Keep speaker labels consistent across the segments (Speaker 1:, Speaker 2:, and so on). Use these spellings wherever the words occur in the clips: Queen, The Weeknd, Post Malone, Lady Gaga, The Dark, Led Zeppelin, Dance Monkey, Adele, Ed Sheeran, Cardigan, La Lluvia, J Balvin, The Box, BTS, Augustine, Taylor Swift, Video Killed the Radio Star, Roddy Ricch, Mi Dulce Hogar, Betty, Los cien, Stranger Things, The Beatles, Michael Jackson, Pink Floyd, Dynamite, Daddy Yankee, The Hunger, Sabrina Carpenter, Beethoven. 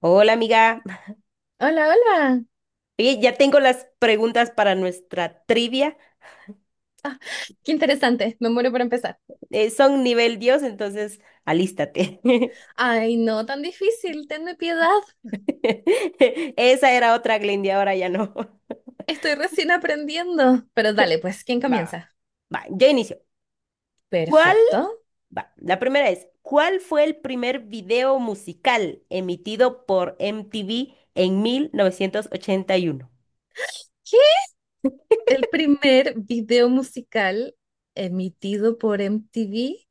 Speaker 1: Hola amiga,
Speaker 2: Hola, hola.
Speaker 1: oye, ya tengo las preguntas para nuestra trivia.
Speaker 2: Ah, qué interesante. Me muero por empezar.
Speaker 1: Son nivel Dios, entonces alístate.
Speaker 2: Ay, no tan difícil. Tenme piedad.
Speaker 1: Esa era otra Glendy, ahora ya no.
Speaker 2: Estoy recién aprendiendo. Pero dale, pues, ¿quién
Speaker 1: Va,
Speaker 2: comienza?
Speaker 1: va, yo inicio. ¿Cuál?
Speaker 2: Perfecto.
Speaker 1: Va, la primera es, ¿cuál fue el primer video musical emitido por MTV en 1981?
Speaker 2: ¿Qué? El primer video musical emitido por MTV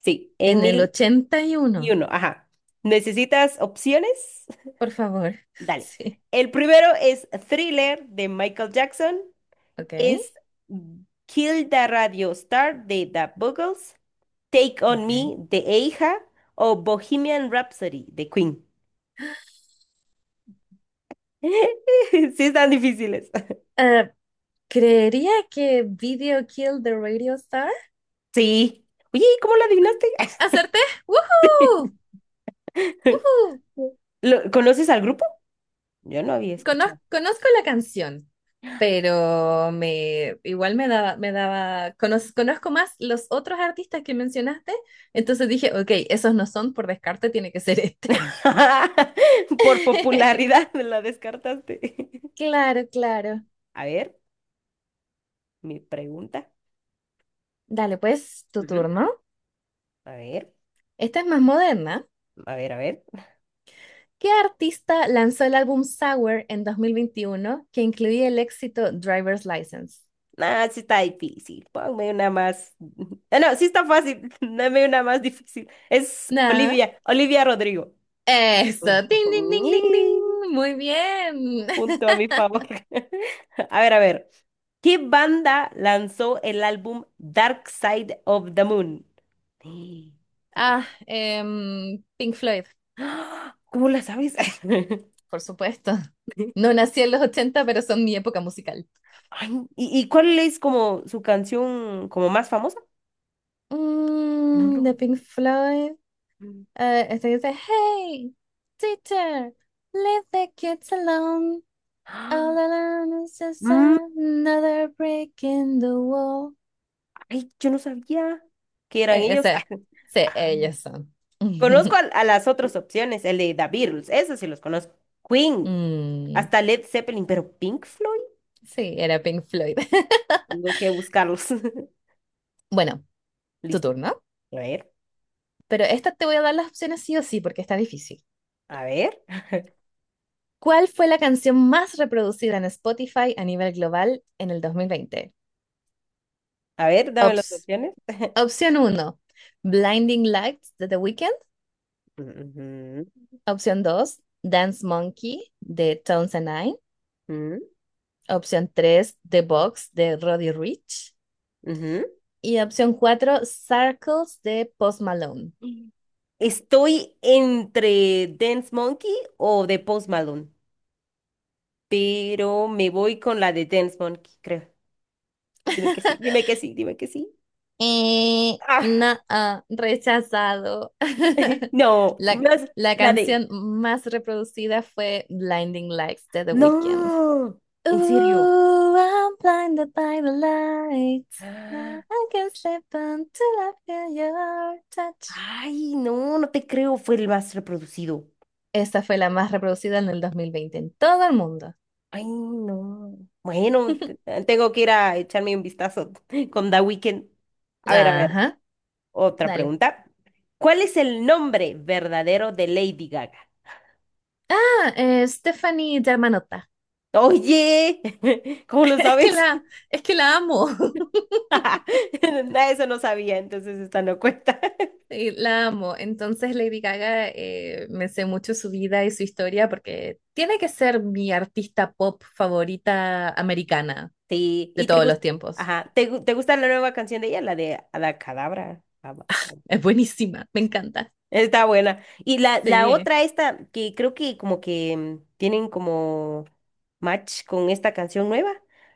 Speaker 1: Sí, en
Speaker 2: en el
Speaker 1: mil
Speaker 2: ochenta y
Speaker 1: y
Speaker 2: uno.
Speaker 1: uno. Ajá. ¿Necesitas opciones?
Speaker 2: Por favor.
Speaker 1: Dale.
Speaker 2: Sí.
Speaker 1: El primero es Thriller de Michael Jackson.
Speaker 2: Ok.
Speaker 1: Es Kill the Radio Star de The Buggles, Take on
Speaker 2: Ok.
Speaker 1: Me de Eija o Bohemian Rhapsody de Queen. Sí, están difíciles.
Speaker 2: Eh, Creería que Video Killed the Radio Star.
Speaker 1: Sí. Oye, ¿y cómo lo adivinaste?
Speaker 2: ¿Acerté? ¡Woohoo! ¡Woohoo!
Speaker 1: ¿Conoces al grupo? Yo no había escuchado.
Speaker 2: Conozco la canción. Pero me igual conozco más los otros artistas que mencionaste. Entonces dije, ok, esos no son, por descarte tiene que ser este.
Speaker 1: Por popularidad la descartaste.
Speaker 2: Claro, claro.
Speaker 1: A ver, mi pregunta.
Speaker 2: Dale, pues, tu
Speaker 1: Ujú.
Speaker 2: turno.
Speaker 1: A ver,
Speaker 2: Esta es más moderna.
Speaker 1: a ver, a ver.
Speaker 2: ¿Qué artista lanzó el álbum Sour en 2021 que incluía el éxito Driver's License?
Speaker 1: Ah, sí está difícil. Ponme una más. Ah, no, sí está fácil. Dame una más difícil. Es
Speaker 2: Nada.
Speaker 1: Olivia, Olivia Rodrigo.
Speaker 2: Eso. Ding, ding, ding, ding,
Speaker 1: Ñi,
Speaker 2: ding. Muy bien.
Speaker 1: punto a mi favor. A ver, a ver. ¿Qué banda lanzó el álbum Dark Side of the Moon? Sí, ya.
Speaker 2: Ah, Pink Floyd.
Speaker 1: ¡Ah! ¿Cómo la sabes?
Speaker 2: Por supuesto. No nací en los 80 pero son mi época musical.
Speaker 1: Ay, ¿y cuál es como su canción como más famosa? No, no.
Speaker 2: De Pink Floyd.
Speaker 1: Mm.
Speaker 2: Este que dice: "Hey, teacher, leave the kids alone. All
Speaker 1: Ah,
Speaker 2: alone is just
Speaker 1: mm,
Speaker 2: another break in the wall."
Speaker 1: ay, yo no sabía. Que eran
Speaker 2: E-
Speaker 1: ellos.
Speaker 2: Ese, sí,
Speaker 1: Ah,
Speaker 2: ellos son.
Speaker 1: conozco a, a las otras opciones, el de The Beatles, eso sí los conozco. Queen,
Speaker 2: Mm,
Speaker 1: hasta Led Zeppelin, pero Pink Floyd,
Speaker 2: sí, era Pink Floyd.
Speaker 1: tengo que buscarlos.
Speaker 2: Bueno, tu
Speaker 1: Listo.
Speaker 2: turno.
Speaker 1: A ver,
Speaker 2: Pero esta te voy a dar las opciones sí o sí, porque está difícil.
Speaker 1: a ver,
Speaker 2: ¿Cuál fue la canción más reproducida en Spotify a nivel global en el 2020?
Speaker 1: a ver, dame las
Speaker 2: Ops-
Speaker 1: opciones.
Speaker 2: Opción uno, Blinding Lights de The Weeknd.
Speaker 1: Ujú,
Speaker 2: Opción 2, Dance Monkey de Tones and I.
Speaker 1: ujú,
Speaker 2: Opción 3, The Box de Roddy Ricch. Y opción cuatro, Circles de Post Malone.
Speaker 1: ujú. Estoy entre Dance Monkey o The Post Malone, pero me voy con la de Dance Monkey, creo. Dime que sí, dime que sí, dime que sí. Ah,
Speaker 2: No, ah, rechazado.
Speaker 1: no,
Speaker 2: La,
Speaker 1: no
Speaker 2: la
Speaker 1: la de
Speaker 2: canción más reproducida fue Blinding Lights de The Weeknd.
Speaker 1: No, en serio.
Speaker 2: Ooh, I'm blinded by the lights. Now
Speaker 1: Ah,
Speaker 2: I can step until I feel your touch.
Speaker 1: ay, no, no te creo, fue el más reproducido.
Speaker 2: Esa fue la más reproducida en el 2020 en todo el mundo.
Speaker 1: Ay, no. Bueno, tengo que ir a echarme un vistazo con The Weeknd. A ver,
Speaker 2: Ajá,
Speaker 1: otra
Speaker 2: dale.
Speaker 1: pregunta. ¿Cuál es el nombre verdadero de Lady Gaga?
Speaker 2: Ah, Stephanie Germanotta.
Speaker 1: Oye, ¿cómo lo
Speaker 2: Es que
Speaker 1: sabes?
Speaker 2: la, es que la amo.
Speaker 1: Nada, eso no sabía, entonces esta no cuenta.
Speaker 2: Sí, la amo. Entonces Lady Gaga, me sé mucho su vida y su historia porque tiene que ser mi artista pop favorita americana
Speaker 1: Sí,
Speaker 2: de
Speaker 1: ¿y te
Speaker 2: todos los
Speaker 1: gusta?
Speaker 2: tiempos.
Speaker 1: Ajá, ¿te gusta la nueva canción de ella, la de Abacadabra?
Speaker 2: Es buenísima, me encanta.
Speaker 1: Está buena. Y la
Speaker 2: Sí.
Speaker 1: otra, esta, que creo que como que tienen como match con esta canción nueva.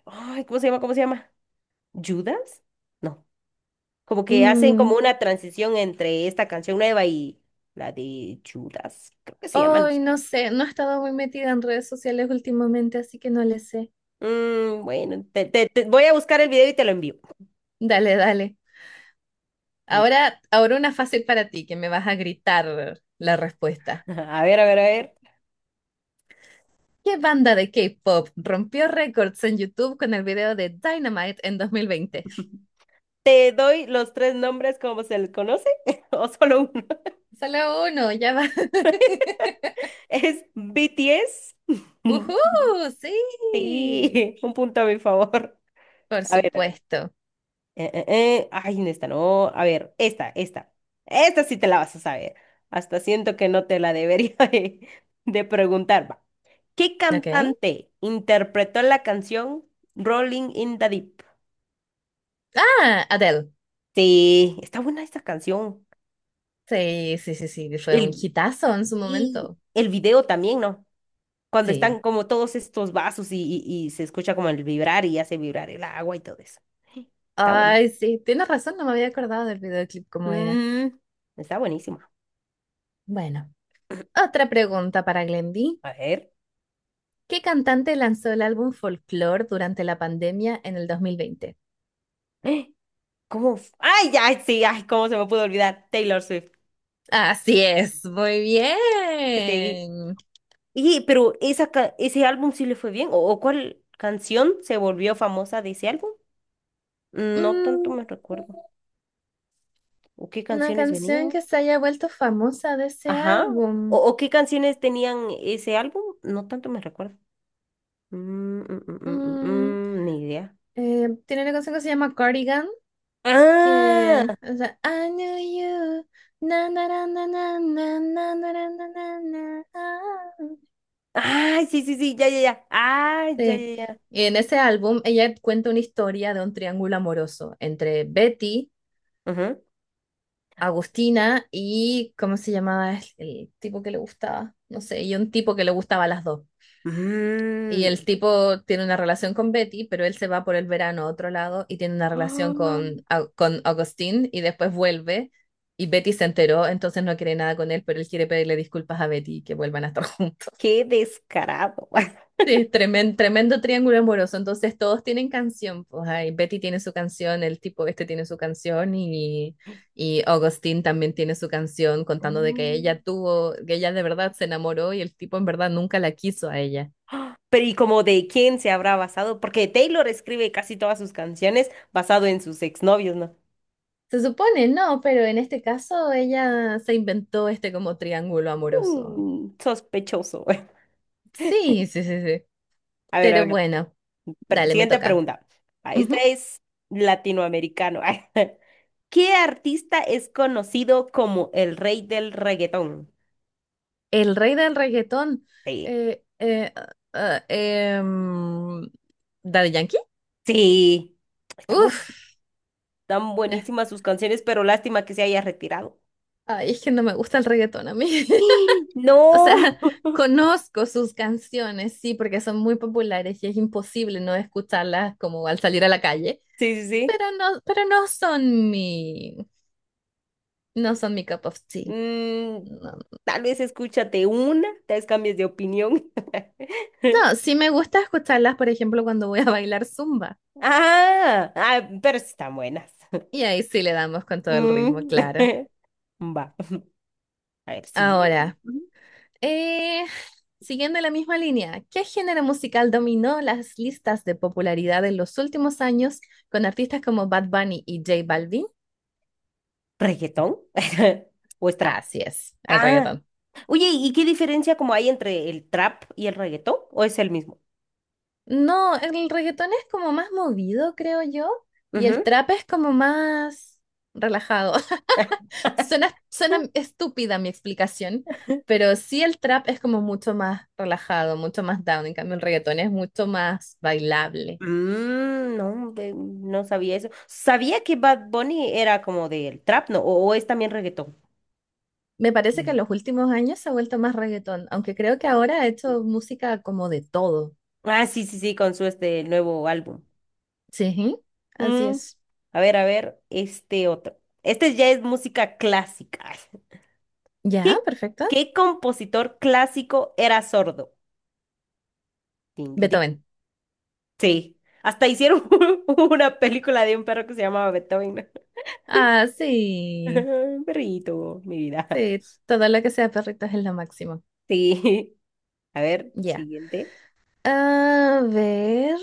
Speaker 1: Ay, ¿cómo se llama? ¿Cómo se llama? ¿Judas? No. Como que hacen como
Speaker 2: Mm,
Speaker 1: una transición entre esta canción nueva y la de Judas. Creo que se llama, no
Speaker 2: ay,
Speaker 1: sé.
Speaker 2: no sé, no he estado muy metida en redes sociales últimamente, así que no le sé.
Speaker 1: Mm, bueno, te voy a buscar el video y te lo envío.
Speaker 2: Dale, dale.
Speaker 1: Ni-
Speaker 2: Ahora, ahora una fácil para ti, que me vas a gritar la respuesta.
Speaker 1: A ver, a ver, a ver.
Speaker 2: ¿Qué banda de K-pop rompió récords en YouTube con el video de Dynamite en 2020?
Speaker 1: ¿Te doy los tres nombres como se les conoce? ¿O solo uno?
Speaker 2: Solo uno, ya va.
Speaker 1: Es BTS.
Speaker 2: ¡Uhú! Sí,
Speaker 1: Sí, un punto a mi favor.
Speaker 2: por
Speaker 1: A ver, a ver.
Speaker 2: supuesto.
Speaker 1: Ay, en esta no. A ver, esta, esta. Esta sí te la vas a saber. Hasta siento que no te la debería de preguntar. Va. ¿Qué
Speaker 2: Ok.
Speaker 1: cantante interpretó la canción Rolling in the Deep?
Speaker 2: Ah, Adele.
Speaker 1: Sí, está buena esta canción.
Speaker 2: Sí, sí, sí, sí, fue un
Speaker 1: El,
Speaker 2: hitazo en su
Speaker 1: y
Speaker 2: momento.
Speaker 1: el video también, ¿no? Cuando
Speaker 2: Sí,
Speaker 1: están como todos estos vasos y, y se escucha como el vibrar y hace vibrar el agua y todo eso. Está bueno.
Speaker 2: ay, sí, tienes razón, no me había acordado del videoclip como era.
Speaker 1: Mm, Está buenísimo.
Speaker 2: Bueno, otra pregunta para Glendy.
Speaker 1: A ver.
Speaker 2: ¿Qué cantante lanzó el álbum Folklore durante la pandemia en el 2020?
Speaker 1: ¡Ah! ¿Cómo? Ay, ya, sí, ay, cómo se me pudo olvidar. Taylor Swift.
Speaker 2: Así es, muy
Speaker 1: Que te dije.
Speaker 2: bien.
Speaker 1: Y, pero ese álbum sí le fue bien. ¿O cuál canción se volvió famosa de ese álbum? No tanto
Speaker 2: Mm,
Speaker 1: me recuerdo. ¿O qué
Speaker 2: una
Speaker 1: canciones
Speaker 2: canción
Speaker 1: venían?
Speaker 2: que se haya vuelto famosa de ese
Speaker 1: Ajá. ¿O,
Speaker 2: álbum.
Speaker 1: o qué canciones tenían ese álbum? No tanto me recuerdo. Mm, mm, mm, mm, mm,
Speaker 2: Mm,
Speaker 1: mm, mm, ni idea.
Speaker 2: Tiene una canción que se llama Cardigan,
Speaker 1: Ah,
Speaker 2: que o sea, I knew you. Na, na, na, na, na, na, na, na, na, na, na, na. Ah,
Speaker 1: ay, sí, sí, sí, ya, ya, ya. Ay, ya,
Speaker 2: sí.
Speaker 1: ya, ya.
Speaker 2: En ese álbum ella cuenta una historia de un triángulo amoroso entre Betty,
Speaker 1: Ajá.
Speaker 2: Agustina y, ¿cómo se llamaba el tipo que le gustaba? No sé, y un tipo que le gustaba a las dos. Y
Speaker 1: Mm.
Speaker 2: el tipo tiene una relación con Betty, pero él se va por el verano a otro lado y tiene una relación
Speaker 1: Ah,
Speaker 2: con Agustín y después vuelve y Betty se enteró, entonces no quiere nada con él, pero él quiere pedirle disculpas a Betty y que vuelvan a estar juntos.
Speaker 1: qué descarado.
Speaker 2: Sí, es tremendo triángulo amoroso. Entonces todos tienen canción. Pues ahí Betty tiene su canción, el tipo este tiene su canción y Augustine también tiene su canción contando de
Speaker 1: Mm.
Speaker 2: que ella de verdad se enamoró y el tipo en verdad nunca la quiso a ella.
Speaker 1: Pero ¿y como de quién se habrá basado? Porque Taylor escribe casi todas sus canciones basado en sus exnovios, ¿no?
Speaker 2: Se supone, no, pero en este caso ella se inventó este como triángulo amoroso.
Speaker 1: Sospechoso.
Speaker 2: Sí, sí, sí, sí.
Speaker 1: A ver, a
Speaker 2: Pero
Speaker 1: ver.
Speaker 2: bueno, dale, me
Speaker 1: Siguiente
Speaker 2: toca.
Speaker 1: pregunta. Ah, esta
Speaker 2: Ujú.
Speaker 1: es latinoamericano. ¿Qué artista es conocido como el rey del reggaetón?
Speaker 2: El rey del reggaetón.
Speaker 1: Sí.
Speaker 2: Eh, eh, ah, ah, em, Daddy Yankee.
Speaker 1: Sí. Están, buen-
Speaker 2: Uf.
Speaker 1: están
Speaker 2: eh,
Speaker 1: buenísimas sus canciones, pero lástima que se haya retirado.
Speaker 2: Ay, es que no me gusta el reggaetón a mí. O
Speaker 1: No.
Speaker 2: sea, conozco sus canciones, sí, porque son muy populares y es imposible no escucharlas como al salir a la calle,
Speaker 1: Sí, sí, sí.
Speaker 2: pero no son mi, cup of tea.
Speaker 1: Mm,
Speaker 2: No,
Speaker 1: Tal vez escúchate una, tal vez cambies de opinión.
Speaker 2: no, sí me gusta escucharlas, por ejemplo, cuando voy a bailar zumba.
Speaker 1: Ah, ah, pero sí están buenas.
Speaker 2: Y ahí sí le damos con todo el ritmo,
Speaker 1: Mm.
Speaker 2: claro.
Speaker 1: Va, a ver, siguiente.
Speaker 2: Ahora.
Speaker 1: Ujú.
Speaker 2: Eh, Siguiendo la misma línea, ¿qué género musical dominó las listas de popularidad en los últimos años con artistas como Bad Bunny y J Balvin?
Speaker 1: ¿Reggaetón? ¿O es trap?
Speaker 2: Así es, el
Speaker 1: Ah,
Speaker 2: reggaetón.
Speaker 1: oye, ¿y qué diferencia como hay entre el trap y el reggaetón? ¿O es el mismo?
Speaker 2: No, el reggaetón es como más movido, creo yo, y el
Speaker 1: Ujú.
Speaker 2: trap es como más relajado. Suena estúpida mi explicación, pero sí el trap es como mucho más relajado, mucho más down. En cambio, el reggaetón es mucho más bailable.
Speaker 1: No, no sabía eso. Sabía que Bad Bunny era como del trap, ¿no? ¿O es también reggaetón?
Speaker 2: Me parece que
Speaker 1: Mm.
Speaker 2: en los últimos años se ha vuelto más reggaetón, aunque creo que ahora ha hecho música como de todo.
Speaker 1: Ah, sí, sí, sí, con su este nuevo álbum.
Speaker 2: Sí, así
Speaker 1: Mm,
Speaker 2: es.
Speaker 1: a ver, a ver, este otro. Este ya es música clásica.
Speaker 2: Ya,
Speaker 1: ¿Qué,
Speaker 2: perfecto.
Speaker 1: qué compositor clásico era sordo? Tin, tin, tin.
Speaker 2: Beethoven.
Speaker 1: Sí, hasta hicieron una película de un perro que se llamaba Beethoven.
Speaker 2: Ah, sí.
Speaker 1: Un perrito, mi vida.
Speaker 2: Sí, todo lo que sea perritos es lo máximo.
Speaker 1: Sí, a ver,
Speaker 2: Ya.
Speaker 1: siguiente.
Speaker 2: A ver.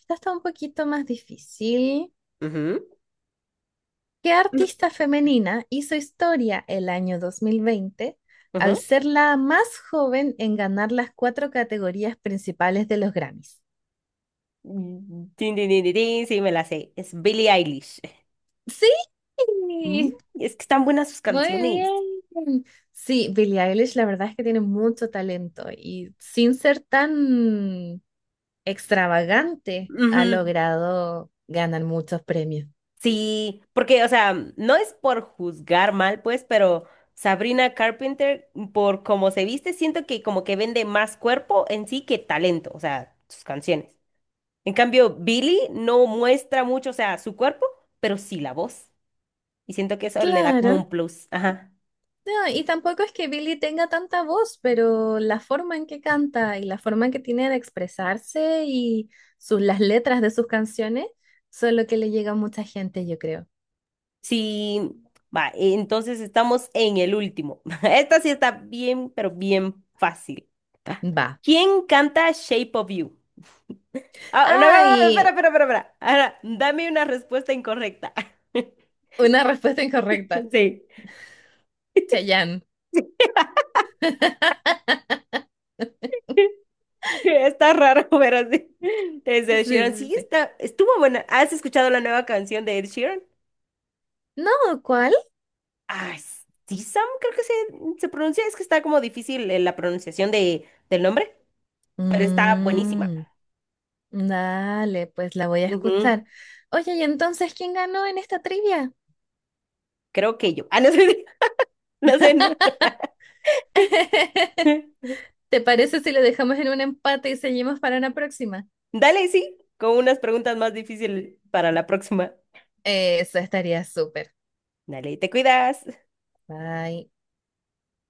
Speaker 2: Esta está un poquito más difícil.
Speaker 1: Ujú,
Speaker 2: ¿Qué artista femenina hizo historia el año 2020 al
Speaker 1: ujú.
Speaker 2: ser la más joven en ganar las cuatro categorías principales de los Grammys?
Speaker 1: Tin, tin, tin, tin, tin, sí, me la sé. Es Billie Eilish.
Speaker 2: Sí.
Speaker 1: Mm, Es que están buenas sus
Speaker 2: Muy
Speaker 1: canciones.
Speaker 2: bien. Sí, Billie Eilish la verdad es que tiene mucho talento y sin ser tan extravagante ha logrado ganar muchos premios.
Speaker 1: Sí, porque, o sea, no es por juzgar mal, pues, pero Sabrina Carpenter, por cómo se viste, siento que como que vende más cuerpo en sí que talento, o sea, sus canciones. En cambio, Billie no muestra mucho, o sea, su cuerpo, pero sí la voz. Y siento que eso le da como
Speaker 2: Claro.
Speaker 1: un plus. Ajá.
Speaker 2: No, y tampoco es que Billie tenga tanta voz, pero la forma en que canta y la forma en que tiene de expresarse y las letras de sus canciones son lo que le llega a mucha gente, yo creo.
Speaker 1: Sí, va, entonces estamos en el último. Esta sí está bien, pero bien fácil.
Speaker 2: Va.
Speaker 1: ¿Quién canta Shape of You? Ah, no, no, no, espera,
Speaker 2: Ay,
Speaker 1: espera, espera, espera. Ahora, dame una respuesta incorrecta.
Speaker 2: una respuesta incorrecta.
Speaker 1: Sí,
Speaker 2: Chayanne.
Speaker 1: está raro, pero sí. Es
Speaker 2: Sí,
Speaker 1: de Ed Sheeran.
Speaker 2: sí,
Speaker 1: Sí,
Speaker 2: sí.
Speaker 1: estuvo buena. ¿Has escuchado la nueva canción de Ed Sheeran?
Speaker 2: No, ¿cuál?
Speaker 1: Ah, sí, Sam, creo que se pronuncia. Es que está como difícil la pronunciación del nombre, pero está buenísima.
Speaker 2: Mm, dale, pues la voy a
Speaker 1: Ujú,
Speaker 2: escuchar. Oye, ¿y entonces quién ganó en esta trivia?
Speaker 1: creo que yo. Ah, no sé, no sé. No.
Speaker 2: ¿Te parece si lo dejamos en un empate y seguimos para una próxima?
Speaker 1: Dale, sí, con unas preguntas más difíciles para la próxima.
Speaker 2: Eso estaría súper.
Speaker 1: Dale, te cuidas.
Speaker 2: Bye.